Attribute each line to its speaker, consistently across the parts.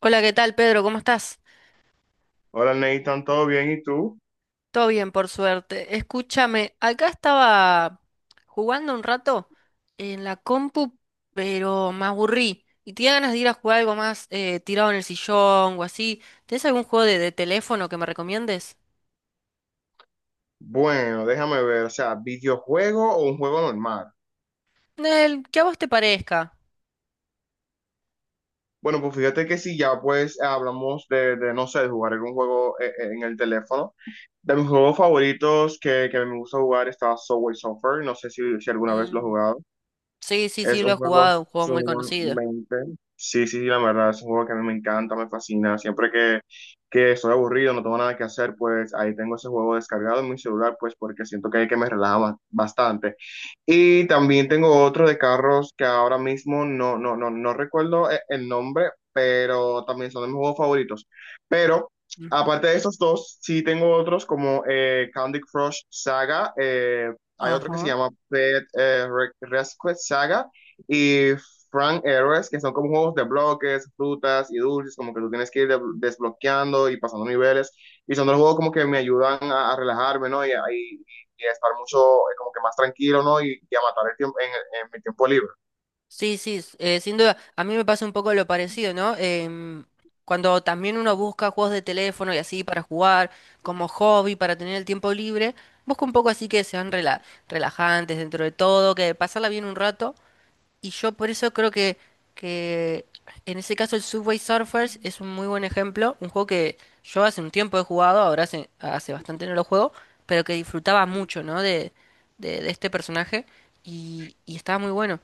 Speaker 1: Hola, ¿qué tal, Pedro? ¿Cómo estás?
Speaker 2: Hola Nathan, ¿todo bien? ¿Y tú?
Speaker 1: Todo bien, por suerte. Escúchame, acá estaba jugando un rato en la compu, pero me aburrí. Y tenía ganas de ir a jugar algo más tirado en el sillón o así. ¿Tienes algún juego de teléfono que me recomiendes?
Speaker 2: Bueno, déjame ver, o sea, ¿videojuego o un juego normal?
Speaker 1: El que a vos te parezca.
Speaker 2: Bueno, pues fíjate que si ya pues hablamos no sé, de jugar algún juego en el teléfono. De mis juegos favoritos que me gusta jugar está Subway Surfer, no sé si alguna vez lo he
Speaker 1: Mm,
Speaker 2: jugado.
Speaker 1: sí, sí, sí,
Speaker 2: Es
Speaker 1: lo
Speaker 2: un
Speaker 1: he
Speaker 2: juego
Speaker 1: jugado, un juego muy conocido.
Speaker 2: sumamente... Sí, sí, sí, la verdad, es un juego que a mí me encanta, me fascina. Siempre que estoy aburrido, no tengo nada que hacer, pues ahí tengo ese juego descargado en mi celular, pues porque siento que me relaja bastante. Y también tengo otro de carros que ahora mismo no recuerdo el nombre, pero también son de mis juegos favoritos. Pero
Speaker 1: Ujú.
Speaker 2: aparte de esos dos, sí tengo otros como Candy Crush Saga, hay otro que se
Speaker 1: Ajá.
Speaker 2: llama Pet Rescue Saga y Frank Heroes, que son como juegos de bloques, frutas y dulces, como que tú tienes que ir desbloqueando y pasando niveles. Y son dos juegos como que me ayudan a relajarme, ¿no? Y a estar mucho, como que más tranquilo, ¿no? Y a matar el tiempo en mi tiempo libre.
Speaker 1: Sí, sí, sin duda. A mí me pasa un poco lo parecido, ¿no? Cuando también uno busca juegos de teléfono y así para jugar, como hobby, para tener el tiempo libre, busca un poco así que sean relajantes dentro de todo, que pasarla bien un rato. Y yo por eso creo que en ese caso el Subway Surfers es un muy buen ejemplo, un juego que yo hace un tiempo he jugado, ahora hace bastante no lo juego, pero que disfrutaba mucho, ¿no? De este personaje y estaba muy bueno.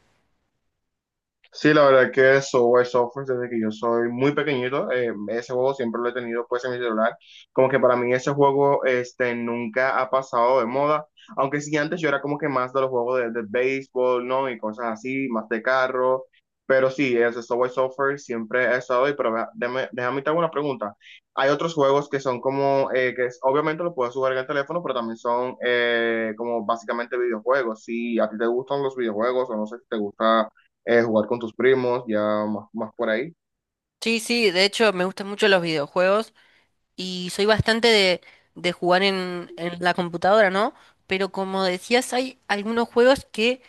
Speaker 2: Sí, la verdad que Subway Surfers, desde que yo soy muy pequeñito, ese juego siempre lo he tenido pues en mi celular. Como que para mí ese juego este, nunca ha pasado de moda. Aunque sí, antes yo era como que más de los juegos de béisbol, ¿no? Y cosas así, más de carro. Pero sí, ese Subway Surfers siempre ha estado ahí. Pero vea, déjame te hago una pregunta. Hay otros juegos que son como, que obviamente lo puedes jugar en el teléfono, pero también son como básicamente videojuegos. Si a ti te gustan los videojuegos o no sé si te gusta jugar con tus primos, ya más por ahí.
Speaker 1: Sí, sí, de hecho me gustan mucho los videojuegos y soy bastante de jugar en la computadora, ¿no? Pero como decías, hay algunos juegos que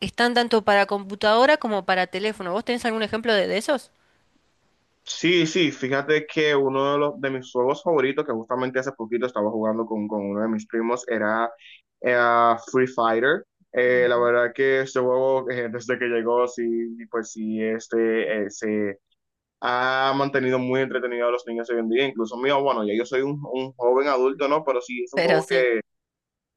Speaker 1: están tanto para computadora como para teléfono. ¿Vos tenés algún ejemplo de esos?
Speaker 2: Sí, sí, fíjate que uno de mis juegos favoritos, que justamente hace poquito estaba jugando con uno de mis primos, era Free Fighter. La verdad que este juego, desde que llegó, sí, pues sí, este, se ha mantenido muy entretenido a los niños hoy en día. Incluso mío, bueno, ya yo soy un joven adulto, ¿no? Pero sí, es un
Speaker 1: Pero
Speaker 2: juego
Speaker 1: sí.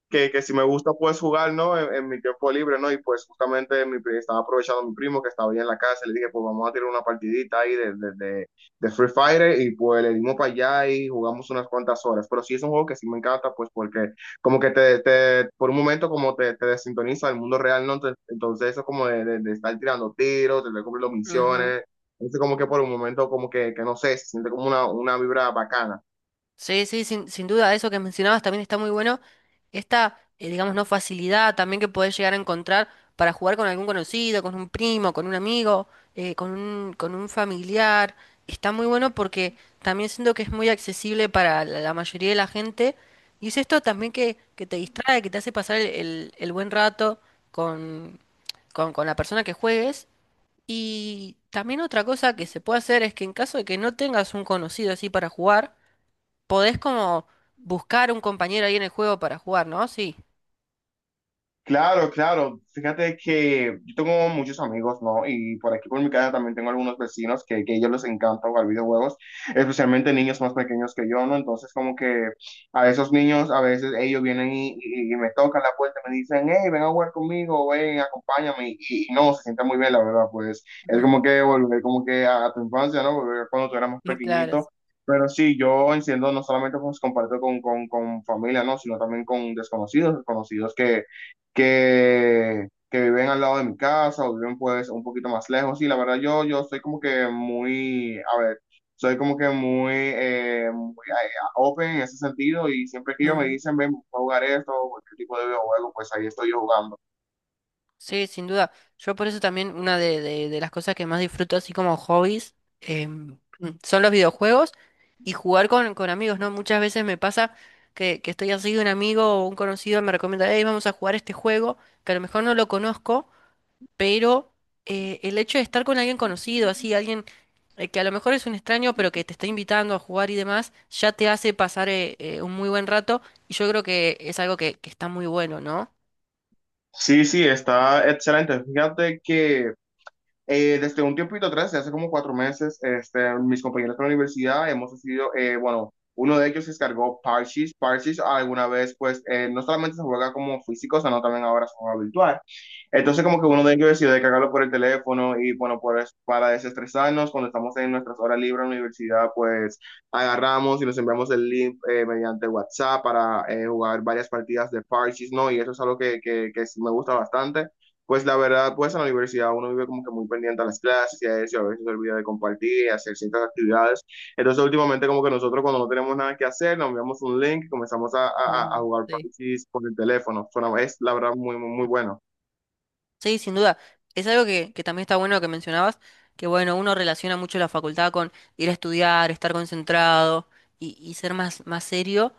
Speaker 2: que si me gusta pues jugar, ¿no? En mi tiempo libre, ¿no? Y pues justamente estaba aprovechando a mi primo que estaba ahí en la casa, le dije, pues vamos a tirar una partidita ahí de Free Fire y pues le dimos para allá y jugamos unas cuantas horas. Pero sí es un juego que sí me encanta, pues porque como que te por un momento como te desintoniza del mundo real, ¿no? Entonces, entonces eso como de estar tirando tiros, de estar cumpliendo misiones, entonces como que por un momento como que no sé, se siente como una vibra bacana.
Speaker 1: Sí, sí, sin duda, eso que mencionabas también está muy bueno. Esta, digamos, no facilidad también que podés llegar a encontrar para jugar con algún conocido, con un primo, con un amigo, con un familiar. Está muy bueno porque también siento que es muy accesible para la mayoría de la gente. Y es esto también que te distrae, que te hace pasar el buen rato con, con la persona que juegues. Y también otra cosa que se puede hacer es que en caso de que no tengas un conocido así para jugar, podés como buscar un compañero ahí en el juego para jugar, ¿no? Sí.
Speaker 2: Claro, claro. Fíjate que yo tengo muchos amigos, ¿no? Y por aquí por mi casa también tengo algunos vecinos que a ellos les encanta jugar videojuegos, especialmente niños más pequeños que yo, ¿no? Entonces como que a esos niños a veces ellos vienen y me tocan la puerta y me dicen, hey, ven a jugar conmigo, ven, acompáñame. Y no, se siente muy bien, la verdad, pues
Speaker 1: Ujú.
Speaker 2: es como que volver como que a tu infancia, ¿no? Volver a cuando tú eras más
Speaker 1: Claro.
Speaker 2: pequeñito. Pero sí, yo enciendo no solamente pues comparto con familia, ¿no? Sino también con desconocidos, desconocidos que viven al lado de mi casa o viven pues un poquito más lejos. Y la verdad yo soy como que muy, a ver, soy como que muy, muy, open en ese sentido y siempre que ellos me
Speaker 1: Ujú.
Speaker 2: dicen, ven, vamos a jugar esto o cualquier tipo de videojuego, pues ahí estoy yo jugando.
Speaker 1: Sí, sin duda. Yo por eso también una de las cosas que más disfruto así como hobbies em, son los videojuegos y jugar con amigos, ¿no? Muchas veces me pasa que estoy así, un amigo o un conocido me recomienda, hey, vamos a jugar este juego, que a lo mejor no lo conozco. Pero el hecho de estar con alguien conocido, así, alguien que a lo mejor es un extraño, pero que te está invitando a jugar y demás, ya te hace pasar un muy buen rato y yo creo que es algo que está muy bueno, ¿no?
Speaker 2: Sí, sí, está excelente. Fíjate que... desde un tiempito atrás, de hace como cuatro meses, este, mis compañeros de la universidad hemos decidido, bueno, uno de ellos se descargó Parchis. Parchis alguna vez, pues, no solamente se juega como físico, sino también ahora se juega virtual. Entonces, como que uno de ellos decidió descargarlo por el teléfono y, bueno, pues, para desestresarnos, cuando estamos en nuestras horas libres en la universidad, pues, agarramos y nos enviamos el link mediante WhatsApp para jugar varias partidas de Parchis, ¿no? Y eso es algo que sí me gusta bastante pues la verdad, pues en la universidad uno vive como que muy pendiente a las clases y a eso, y a veces se olvida de compartir y hacer ciertas actividades. Entonces, últimamente, como que nosotros cuando no tenemos nada que hacer, nos enviamos un link y comenzamos a
Speaker 1: Mm,
Speaker 2: jugar
Speaker 1: sí.
Speaker 2: parches por el teléfono. Es la verdad muy, muy, muy bueno.
Speaker 1: Sí, sin duda. Es algo que también está bueno que mencionabas, que bueno, uno relaciona mucho la facultad con ir a estudiar, estar concentrado y ser más serio.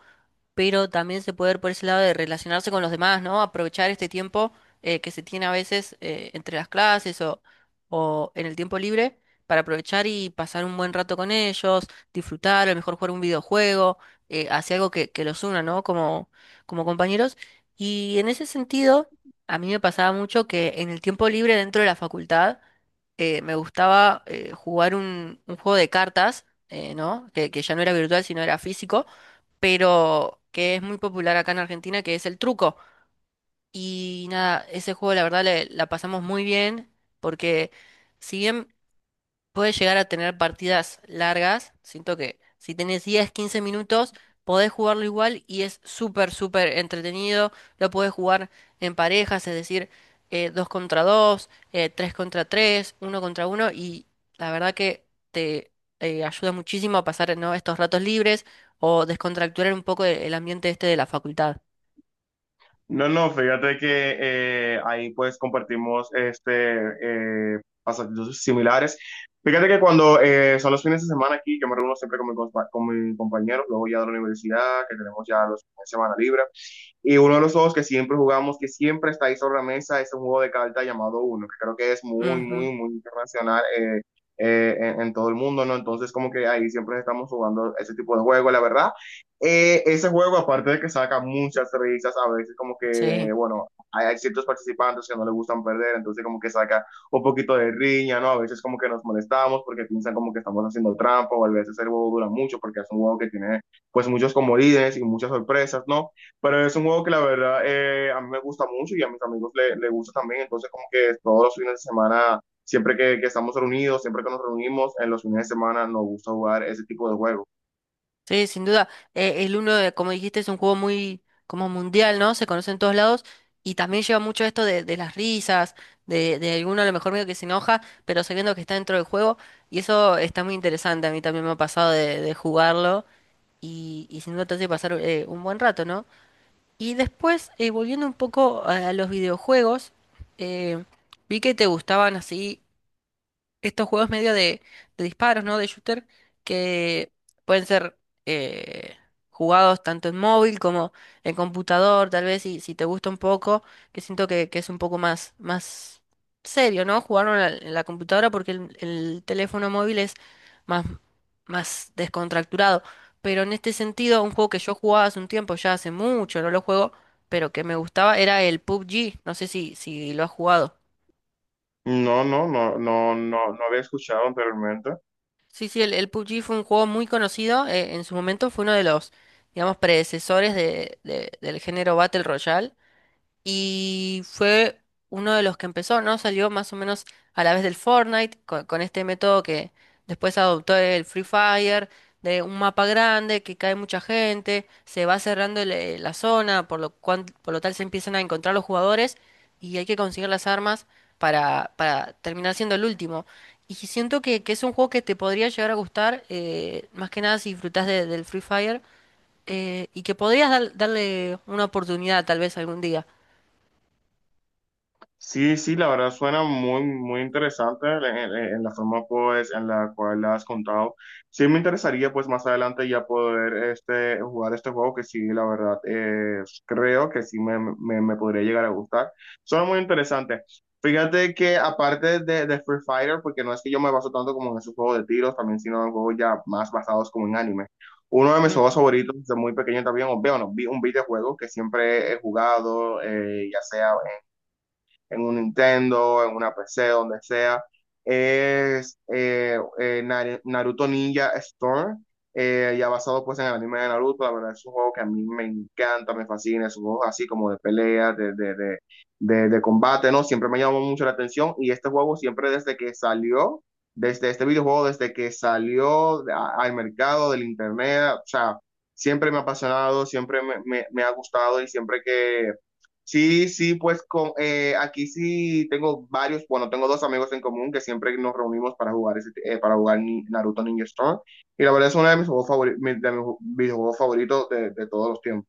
Speaker 1: Pero también se puede ver por ese lado de relacionarse con los demás, ¿no? Aprovechar este tiempo que se tiene a veces entre las clases o en el tiempo libre para aprovechar y pasar un buen rato con ellos, disfrutar, a lo mejor jugar un videojuego, hacer algo que los una, ¿no? Como compañeros. Y en ese sentido, a mí me pasaba mucho que en el tiempo libre dentro de la facultad, me gustaba jugar un juego de cartas, ¿no? Que ya no era virtual, sino era físico, pero que es muy popular acá en Argentina, que es el truco. Y nada, ese juego la verdad la pasamos muy bien, porque si bien puedes llegar a tener partidas largas. Siento que si tenés 10 15 minutos, podés jugarlo igual y es súper, súper entretenido. Lo podés jugar en parejas, es decir, 2 contra 2 3 contra tres, uno contra uno, y la verdad que te ayuda muchísimo a pasar, ¿no?, estos ratos libres o descontracturar un poco el ambiente este de la facultad.
Speaker 2: No, no, fíjate que ahí pues compartimos este, pasatiempos similares. Fíjate que cuando son los fines de semana aquí, yo me reúno siempre con con mi compañero, luego ya de la universidad, que tenemos ya los fines de semana libre. Y uno de los juegos que siempre jugamos, que siempre está ahí sobre la mesa, es un juego de cartas llamado Uno, que creo que es muy, muy,
Speaker 1: Ujú,
Speaker 2: muy internacional en todo el mundo, ¿no? Entonces como que ahí siempre estamos jugando ese tipo de juego, la verdad. Ese juego, aparte de que saca muchas risas, a veces como que,
Speaker 1: sí.
Speaker 2: bueno, hay ciertos participantes que no les gustan perder, entonces como que saca un poquito de riña, ¿no? A veces como que nos molestamos porque piensan como que estamos haciendo trampa, o a veces el juego dura mucho porque es un juego que tiene pues muchos comodines y muchas sorpresas, ¿no? Pero es un juego que la verdad a mí me gusta mucho y a mis amigos le gusta también, entonces como que todos los fines de semana, que estamos reunidos, siempre que nos reunimos, en los fines de semana nos gusta jugar ese tipo de juegos.
Speaker 1: Sí, sin duda. El Uno, como dijiste, es un juego muy como mundial, ¿no? Se conoce en todos lados y también lleva mucho esto de las risas, de alguno a lo mejor medio que se enoja, pero sabiendo que está dentro del juego y eso está muy interesante. A mí también me ha pasado de jugarlo y sin duda te hace pasar un buen rato, ¿no? Y después, volviendo un poco a los videojuegos, eh, vi que te gustaban así estos juegos medio de disparos, ¿no? De shooter, que pueden ser eh, jugados tanto en móvil como en computador, tal vez si, si te gusta un poco, que siento que es un poco más serio, ¿no? Jugarlo en la computadora porque el teléfono móvil es más, más descontracturado. Pero en este sentido, un juego que yo jugaba hace un tiempo, ya hace mucho, no lo juego, pero que me gustaba, era el PUBG. No sé si, si lo has jugado.
Speaker 2: No, no, no, no, no, no había escuchado anteriormente.
Speaker 1: Sí, sí, el PUBG fue un juego muy conocido. En su momento fue uno de los, digamos, predecesores del género Battle Royale. Y fue uno de los que empezó, ¿no? Salió más o menos a la vez del Fortnite, con este método que después adoptó el Free Fire, de un mapa grande, que cae mucha gente, se va cerrando la zona, por lo cual, por lo tal se empiezan a encontrar los jugadores y hay que conseguir las armas para terminar siendo el último. Y si siento que es un juego que te podría llegar a gustar, más que nada si disfrutás del Free Fire, Y que podrías darle una oportunidad tal vez algún día.
Speaker 2: Sí, sí, la verdad suena muy, muy interesante en la forma pues en la cual la has contado. Sí me interesaría pues más adelante ya poder este, jugar este juego que sí, la verdad creo que sí me podría llegar a gustar. Suena muy interesante. Fíjate que aparte de Free Fighter, porque no es que yo me baso tanto como en esos juegos de tiros, también sino en juegos ya más basados como en anime. Uno de mis juegos
Speaker 1: Mm,
Speaker 2: favoritos desde muy pequeño también, o veo, no, vi un videojuego que siempre he jugado, ya sea en un Nintendo, en una PC, donde sea, es Naruto Ninja Storm, ya basado pues en el anime de Naruto, la verdad es un juego que a mí me encanta, me fascina, es un juego así como de pelea, de combate, ¿no? Siempre me llamó mucho la atención y este juego siempre desde que salió, desde este videojuego, desde que salió al mercado del internet, o sea, siempre me ha apasionado, siempre me ha gustado y siempre que sí, sí, pues con, aquí sí tengo varios, bueno, tengo dos amigos en común que siempre nos reunimos para jugar para jugar Naruto Ninja Storm. Y la verdad es uno de mis juegos favoritos, de mis videojuegos favoritos de todos los tiempos.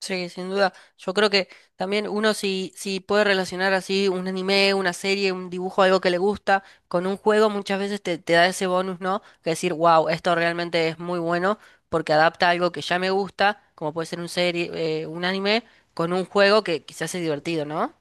Speaker 1: sí, sin duda. Yo creo que también uno si, si puede relacionar así un anime, una serie, un dibujo, algo que le gusta, con un juego muchas veces te da ese bonus, ¿no? Que decir, wow, esto realmente es muy bueno porque adapta algo que ya me gusta, como puede ser un serie, un anime, con un juego que quizás es divertido, ¿no?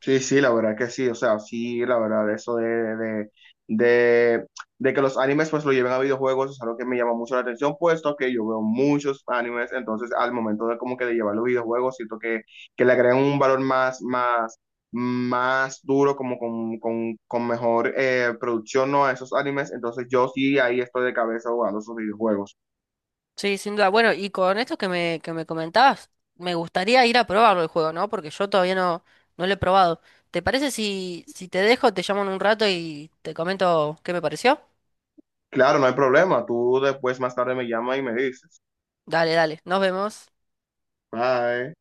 Speaker 2: Sí, sí, la verdad que sí, o sea, sí, la verdad, eso de, de, de que los animes pues lo lleven a videojuegos es algo que me llama mucho la atención, puesto que yo veo muchos animes, entonces al momento de como que de llevar los videojuegos, siento que le agregan un valor más duro, como con mejor producción, ¿no? A esos animes, entonces yo sí ahí estoy de cabeza jugando esos videojuegos.
Speaker 1: Sí, sin duda. Bueno, y con esto que me comentabas, me gustaría ir a probarlo el juego, ¿no? Porque yo todavía no, no lo he probado. ¿Te parece si, si te dejo, te llamo en un rato y te comento qué me pareció?
Speaker 2: Claro, no hay problema, tú después más tarde me llamas y me dices,
Speaker 1: Dale, dale, nos vemos.
Speaker 2: bye.